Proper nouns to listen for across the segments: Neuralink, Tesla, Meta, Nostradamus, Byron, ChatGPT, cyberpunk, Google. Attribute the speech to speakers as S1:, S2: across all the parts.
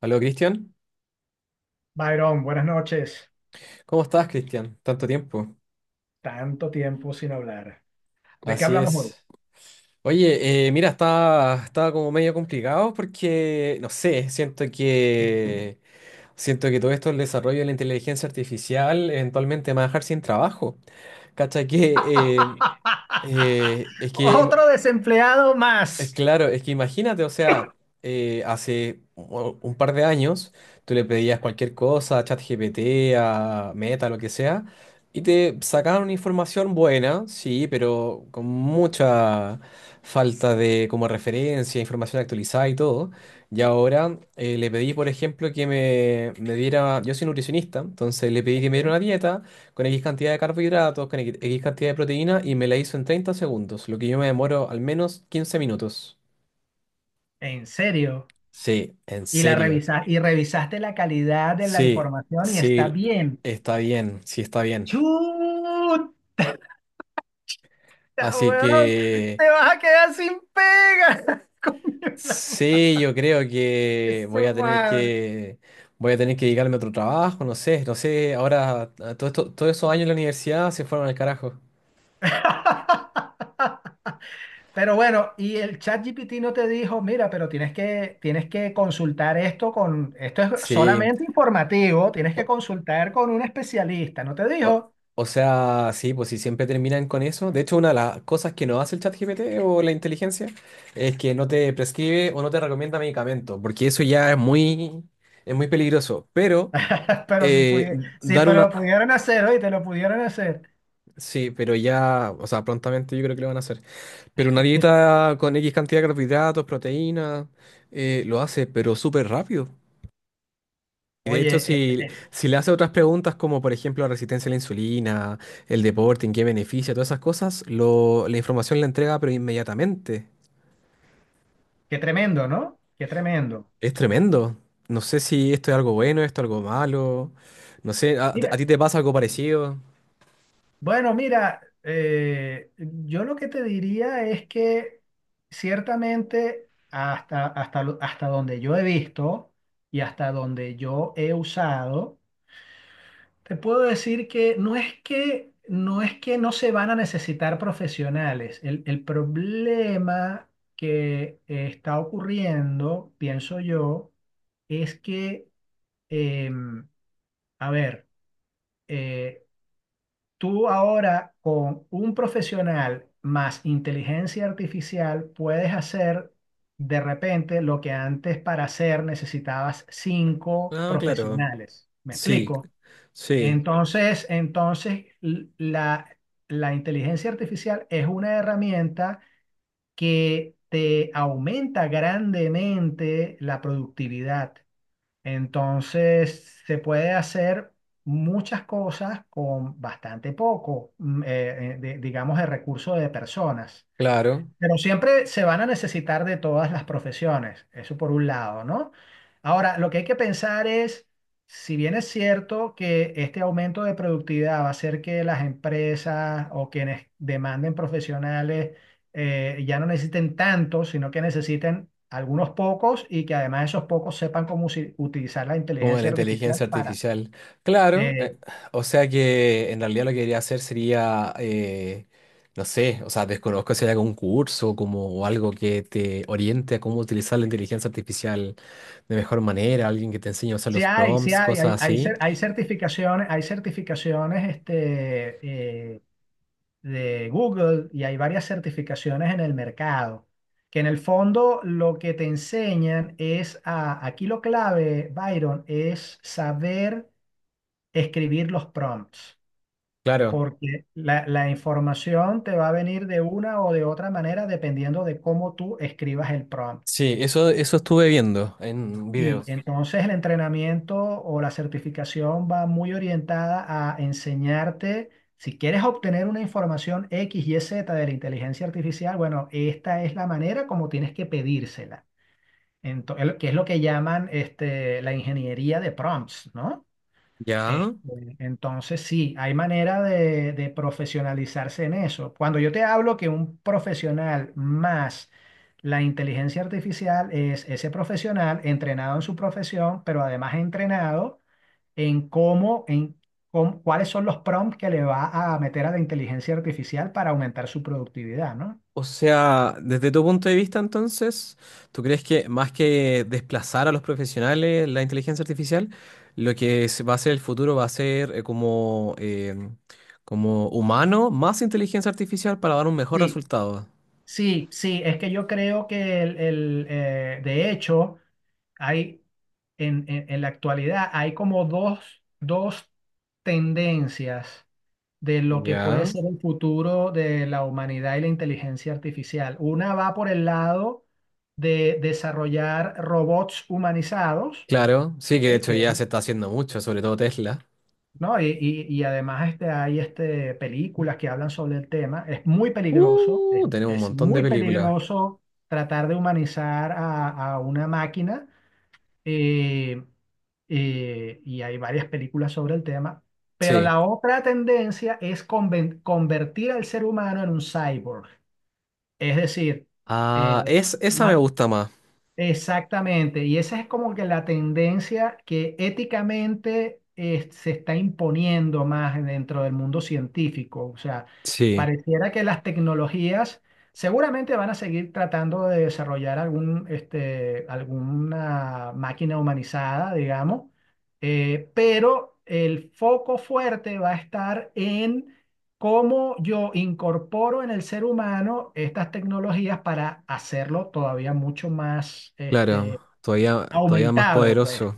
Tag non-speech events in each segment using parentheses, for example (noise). S1: Hola Cristian.
S2: Byron, buenas noches.
S1: ¿Cómo estás, Cristian? Tanto tiempo.
S2: Tanto tiempo sin hablar. ¿De qué
S1: Así
S2: hablamos hoy?
S1: es. Oye, mira, está como medio complicado porque, no sé, siento que todo esto, el desarrollo de la inteligencia artificial, eventualmente me va a dejar sin trabajo. Cacha que, eh,
S2: (laughs)
S1: eh, es que
S2: Otro desempleado más.
S1: Claro, es que imagínate, o sea, hace un par de años tú le pedías cualquier cosa a ChatGPT, a Meta, lo que sea, y te sacaban una información buena, sí, pero con mucha falta de como referencia, información actualizada y todo. Y ahora le pedí, por ejemplo, que me diera, yo soy nutricionista, entonces le pedí que
S2: Ok.
S1: me diera una dieta con X cantidad de carbohidratos, con X cantidad de proteína y me la hizo en 30 segundos, lo que yo me demoro al menos 15 minutos.
S2: ¿En serio?
S1: Sí, en
S2: Y la
S1: serio.
S2: revisa y revisaste la calidad de la
S1: Sí,
S2: información y está
S1: sí,
S2: bien.
S1: está bien, sí está bien.
S2: Chuta,
S1: Así
S2: weón.
S1: que
S2: Te vas a quedar sin pega. (laughs) Coño, la madre,
S1: sí, yo creo que
S2: su
S1: voy a tener
S2: madre.
S1: que voy a tener que dedicarme a otro trabajo, no sé, no sé, ahora a todos esos años en la universidad se fueron al carajo.
S2: (laughs) Pero bueno, y el chat GPT no te dijo, mira, pero tienes que consultar esto con, esto es
S1: Sí.
S2: solamente informativo, tienes que consultar con un especialista, no te
S1: O,
S2: dijo,
S1: o sea, sí, pues si siempre terminan con eso. De hecho, una de las cosas que no hace el ChatGPT o la inteligencia es que no te prescribe o no te recomienda medicamentos, porque eso es muy peligroso. Pero
S2: (laughs) pero si
S1: eh,
S2: pudi- sí,
S1: dar
S2: pero
S1: una...
S2: lo pudieron hacer, hoy te lo pudieron hacer.
S1: Sí, pero ya, o sea, prontamente yo creo que lo van a hacer. Pero una
S2: (laughs)
S1: dieta con X cantidad de carbohidratos, proteínas, lo hace, pero súper rápido. Y de
S2: Oye,
S1: hecho, si le hace otras preguntas como por ejemplo la resistencia a la insulina, el deporte, en qué beneficia, todas esas cosas, la información la entrega pero inmediatamente.
S2: qué tremendo, ¿no? Qué tremendo.
S1: Es tremendo. No sé si esto es algo bueno, esto es algo malo. No sé, a
S2: Mira,
S1: ti te pasa algo parecido?
S2: bueno, mira, yo lo que te diría es que ciertamente hasta donde yo he visto y hasta donde yo he usado. Te puedo decir que no es que no se van a necesitar profesionales. El problema que está ocurriendo, pienso yo, es que, em, a ver, eh, tú ahora con un profesional más inteligencia artificial puedes hacer de repente lo que antes para hacer necesitabas cinco
S1: Ah, claro.
S2: profesionales. ¿Me
S1: Sí,
S2: explico?
S1: sí,
S2: Entonces, la inteligencia artificial es una herramienta que te aumenta grandemente la productividad. Entonces, se puede hacer muchas cosas con bastante poco, digamos, de recurso de personas.
S1: claro.
S2: Pero siempre se van a necesitar de todas las profesiones, eso por un lado, ¿no? Ahora, lo que hay que pensar es, si bien es cierto que este aumento de productividad va a hacer que las empresas o quienes demanden profesionales ya no necesiten tantos, sino que necesiten algunos pocos y que además esos pocos sepan cómo utilizar la
S1: Como de la
S2: inteligencia artificial
S1: inteligencia
S2: para…
S1: artificial. Claro,
S2: eh,
S1: o sea que en realidad lo que quería hacer sería, no sé, o sea, desconozco si hay algún curso o algo que te oriente a cómo utilizar la inteligencia artificial de mejor manera, alguien que te enseñe a usar los
S2: Sí
S1: prompts,
S2: hay,
S1: cosas así.
S2: hay certificaciones este, de Google, y hay varias certificaciones en el mercado, que en el fondo lo que te enseñan es a, aquí lo clave, Byron, es saber escribir los prompts,
S1: Claro,
S2: porque la información te va a venir de una o de otra manera dependiendo de cómo tú escribas el prompt.
S1: sí, eso estuve viendo en
S2: Y
S1: videos.
S2: entonces el entrenamiento o la certificación va muy orientada a enseñarte, si quieres obtener una información X y Z de la inteligencia artificial, bueno, esta es la manera como tienes que pedírsela. Que es lo que llaman este, la ingeniería de prompts, ¿no?
S1: ¿Ya?
S2: Este, entonces, sí, hay manera de profesionalizarse en eso. Cuando yo te hablo que un profesional más la inteligencia artificial es ese profesional entrenado en su profesión, pero además entrenado en cómo, en cuáles son los prompts que le va a meter a la inteligencia artificial para aumentar su productividad, ¿no?
S1: O sea, desde tu punto de vista, entonces, ¿tú crees que más que desplazar a los profesionales la inteligencia artificial, lo que se va a ser el futuro va a ser como como humano más inteligencia artificial para dar un mejor
S2: Sí,
S1: resultado?
S2: sí, sí, es que yo creo que de hecho… Hay, en la actualidad hay como dos, dos tendencias de lo que puede
S1: Ya.
S2: ser el futuro de la humanidad y la inteligencia artificial. Una va por el lado de desarrollar robots humanizados,
S1: Claro, sí que de
S2: ¿ok?
S1: hecho ya se está haciendo mucho, sobre todo Tesla.
S2: ¿No? Y, y además este, hay este, películas que hablan sobre el tema.
S1: Tenemos un
S2: Es
S1: montón de
S2: muy
S1: películas.
S2: peligroso tratar de humanizar a una máquina eh, y hay varias películas sobre el tema, pero
S1: Sí.
S2: la otra tendencia es convertir al ser humano en un cyborg, es decir,
S1: Ah,
S2: eh,
S1: esa me
S2: ma-
S1: gusta más.
S2: Exactamente, y esa es como que la tendencia que éticamente se está imponiendo más dentro del mundo científico. O sea,
S1: Sí,
S2: pareciera que las tecnologías seguramente van a seguir tratando de desarrollar algún, este, alguna máquina humanizada, digamos, pero el foco fuerte va a estar en cómo yo incorporo en el ser humano estas tecnologías para hacerlo todavía mucho más
S1: claro.
S2: este,
S1: Todavía, todavía más
S2: aumentado, pues,
S1: poderoso.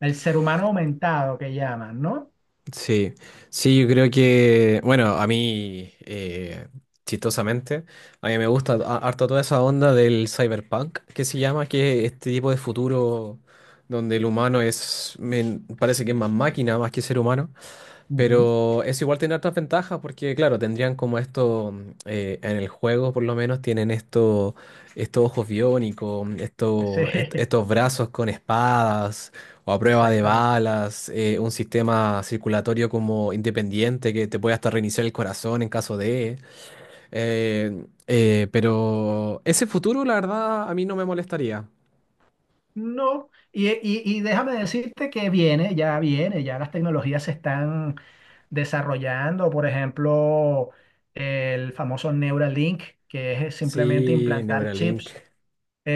S2: el ser humano aumentado que llaman, ¿no?
S1: Sí, sí, yo creo que, bueno, a mí, chistosamente, a mí me gusta harto toda esa onda del cyberpunk, que se llama, que es este tipo de futuro donde el humano parece que es más máquina, más que ser humano,
S2: Ujú.
S1: pero eso igual tiene otras ventajas porque, claro, tendrían como esto, en el juego por lo menos tienen esto, estos ojos biónicos,
S2: Sí, (laughs)
S1: estos brazos con espadas o a prueba de
S2: exacto.
S1: balas, un sistema circulatorio como independiente que te puede hasta reiniciar el corazón en caso de... pero ese futuro, la verdad, a mí no me molestaría.
S2: No, y, y déjame decirte que viene, ya las tecnologías se están desarrollando, por ejemplo, el famoso Neuralink, que es simplemente
S1: Sí,
S2: implantar
S1: Neuralink
S2: chips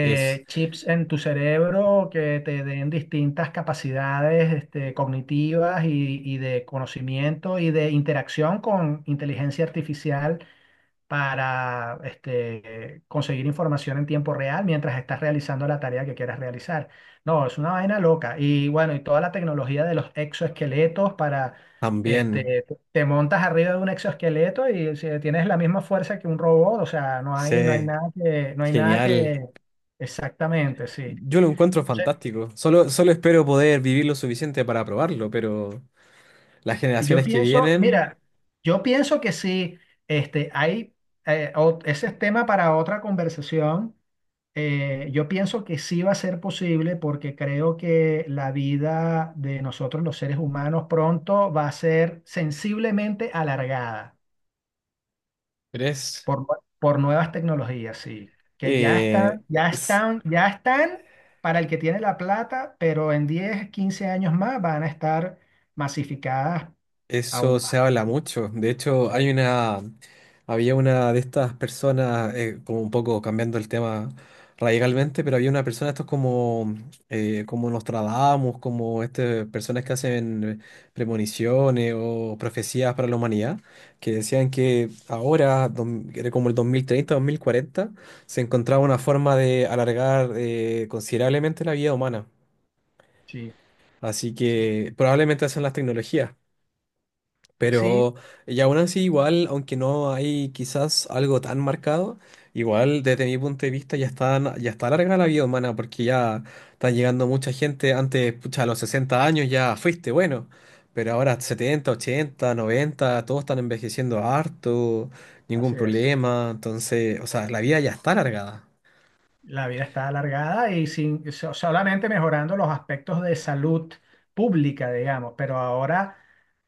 S1: es
S2: chips en tu cerebro que te den distintas capacidades este, cognitivas y de conocimiento y de interacción con inteligencia artificial para este, conseguir información en tiempo real mientras estás realizando la tarea que quieras realizar. No, es una vaina loca. Y bueno, y toda la tecnología de los exoesqueletos para,
S1: también,
S2: este, te montas arriba de un exoesqueleto y si tienes la misma fuerza que un robot, o sea, no hay, no hay
S1: sí,
S2: nada que, no hay nada
S1: genial.
S2: que, exactamente, sí.
S1: Yo lo encuentro
S2: O
S1: fantástico. Solo espero poder vivir lo suficiente para probarlo, pero las
S2: yo
S1: generaciones que
S2: pienso,
S1: vienen,
S2: mira, yo pienso que sí, este, hay, ese es tema para otra conversación. Yo pienso que sí va a ser posible porque creo que la vida de nosotros los seres humanos pronto va a ser sensiblemente alargada
S1: ¿crees?
S2: por, por nuevas tecnologías, sí, que
S1: Eh,
S2: ya están para el que tiene la plata, pero en 10 15 años más van a estar masificadas
S1: Eso
S2: aún más.
S1: se habla mucho. De hecho,
S2: Sí,
S1: había una de estas personas, como un poco cambiando el tema radicalmente, pero había una persona, estos como como Nostradamus, como este, personas que hacen premoniciones o profecías para la humanidad, que decían que ahora, era como el 2030, 2040, se encontraba una forma de alargar, considerablemente la vida humana.
S2: sí,
S1: Así
S2: sí,
S1: que probablemente hacen las tecnologías.
S2: Sí,
S1: Pero y aún así, igual, aunque no hay quizás algo tan marcado, igual desde mi punto de vista ya está larga la vida humana porque ya está llegando mucha gente. Antes, pucha, a los 60 años ya fuiste bueno, pero ahora 70, 80, 90 todos están envejeciendo harto, ningún
S2: así es.
S1: problema. Entonces, o sea, la vida ya está alargada.
S2: La vida está alargada y sin, so- solamente mejorando los aspectos de salud pública, digamos, pero ahora,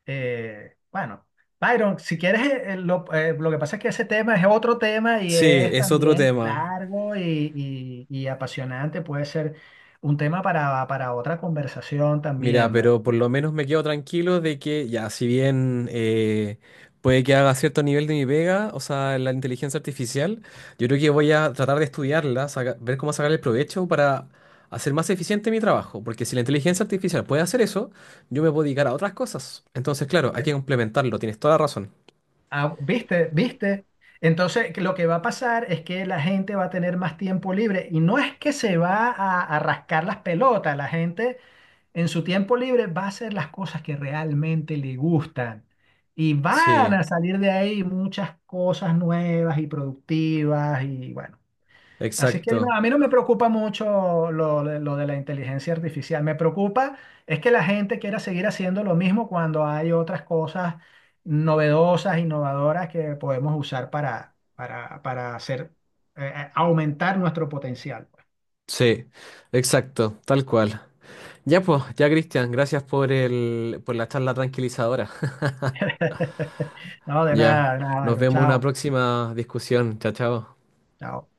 S2: bueno, Byron, si quieres, lo que pasa es que ese tema es otro tema y
S1: Sí,
S2: es
S1: es otro
S2: también
S1: tema.
S2: largo y, y apasionante, puede ser un tema para otra conversación
S1: Mira,
S2: también, ¿verdad?
S1: pero por lo menos me quedo tranquilo de que ya, si bien puede que haga cierto nivel de mi pega, o sea, la inteligencia artificial, yo creo que voy a tratar de estudiarla, ver cómo sacarle el provecho para hacer más eficiente mi trabajo, porque si la inteligencia artificial puede hacer eso, yo me puedo dedicar a otras cosas. Entonces, claro, hay que complementarlo, tienes toda la razón.
S2: Ah, ¿viste? ¿Viste? Entonces, que lo que va a pasar es que la gente va a tener más tiempo libre y no es que se va a rascar las pelotas, la gente en su tiempo libre va a hacer las cosas que realmente le gustan. Y van
S1: Sí,
S2: a salir de ahí muchas cosas nuevas y productivas y bueno. Así que no,
S1: exacto.
S2: a mí no me preocupa mucho lo de la inteligencia artificial. Me preocupa es que la gente quiera seguir haciendo lo mismo cuando hay otras cosas novedosas, innovadoras que podemos usar para hacer, aumentar nuestro potencial.
S1: Sí, exacto, tal cual. Ya pues, ya Cristian, gracias por por la charla tranquilizadora.
S2: (laughs) No,
S1: Ya,
S2: de nada,
S1: nos
S2: Byron.
S1: vemos en una
S2: Chao,
S1: próxima discusión. Chao, chao.
S2: chao.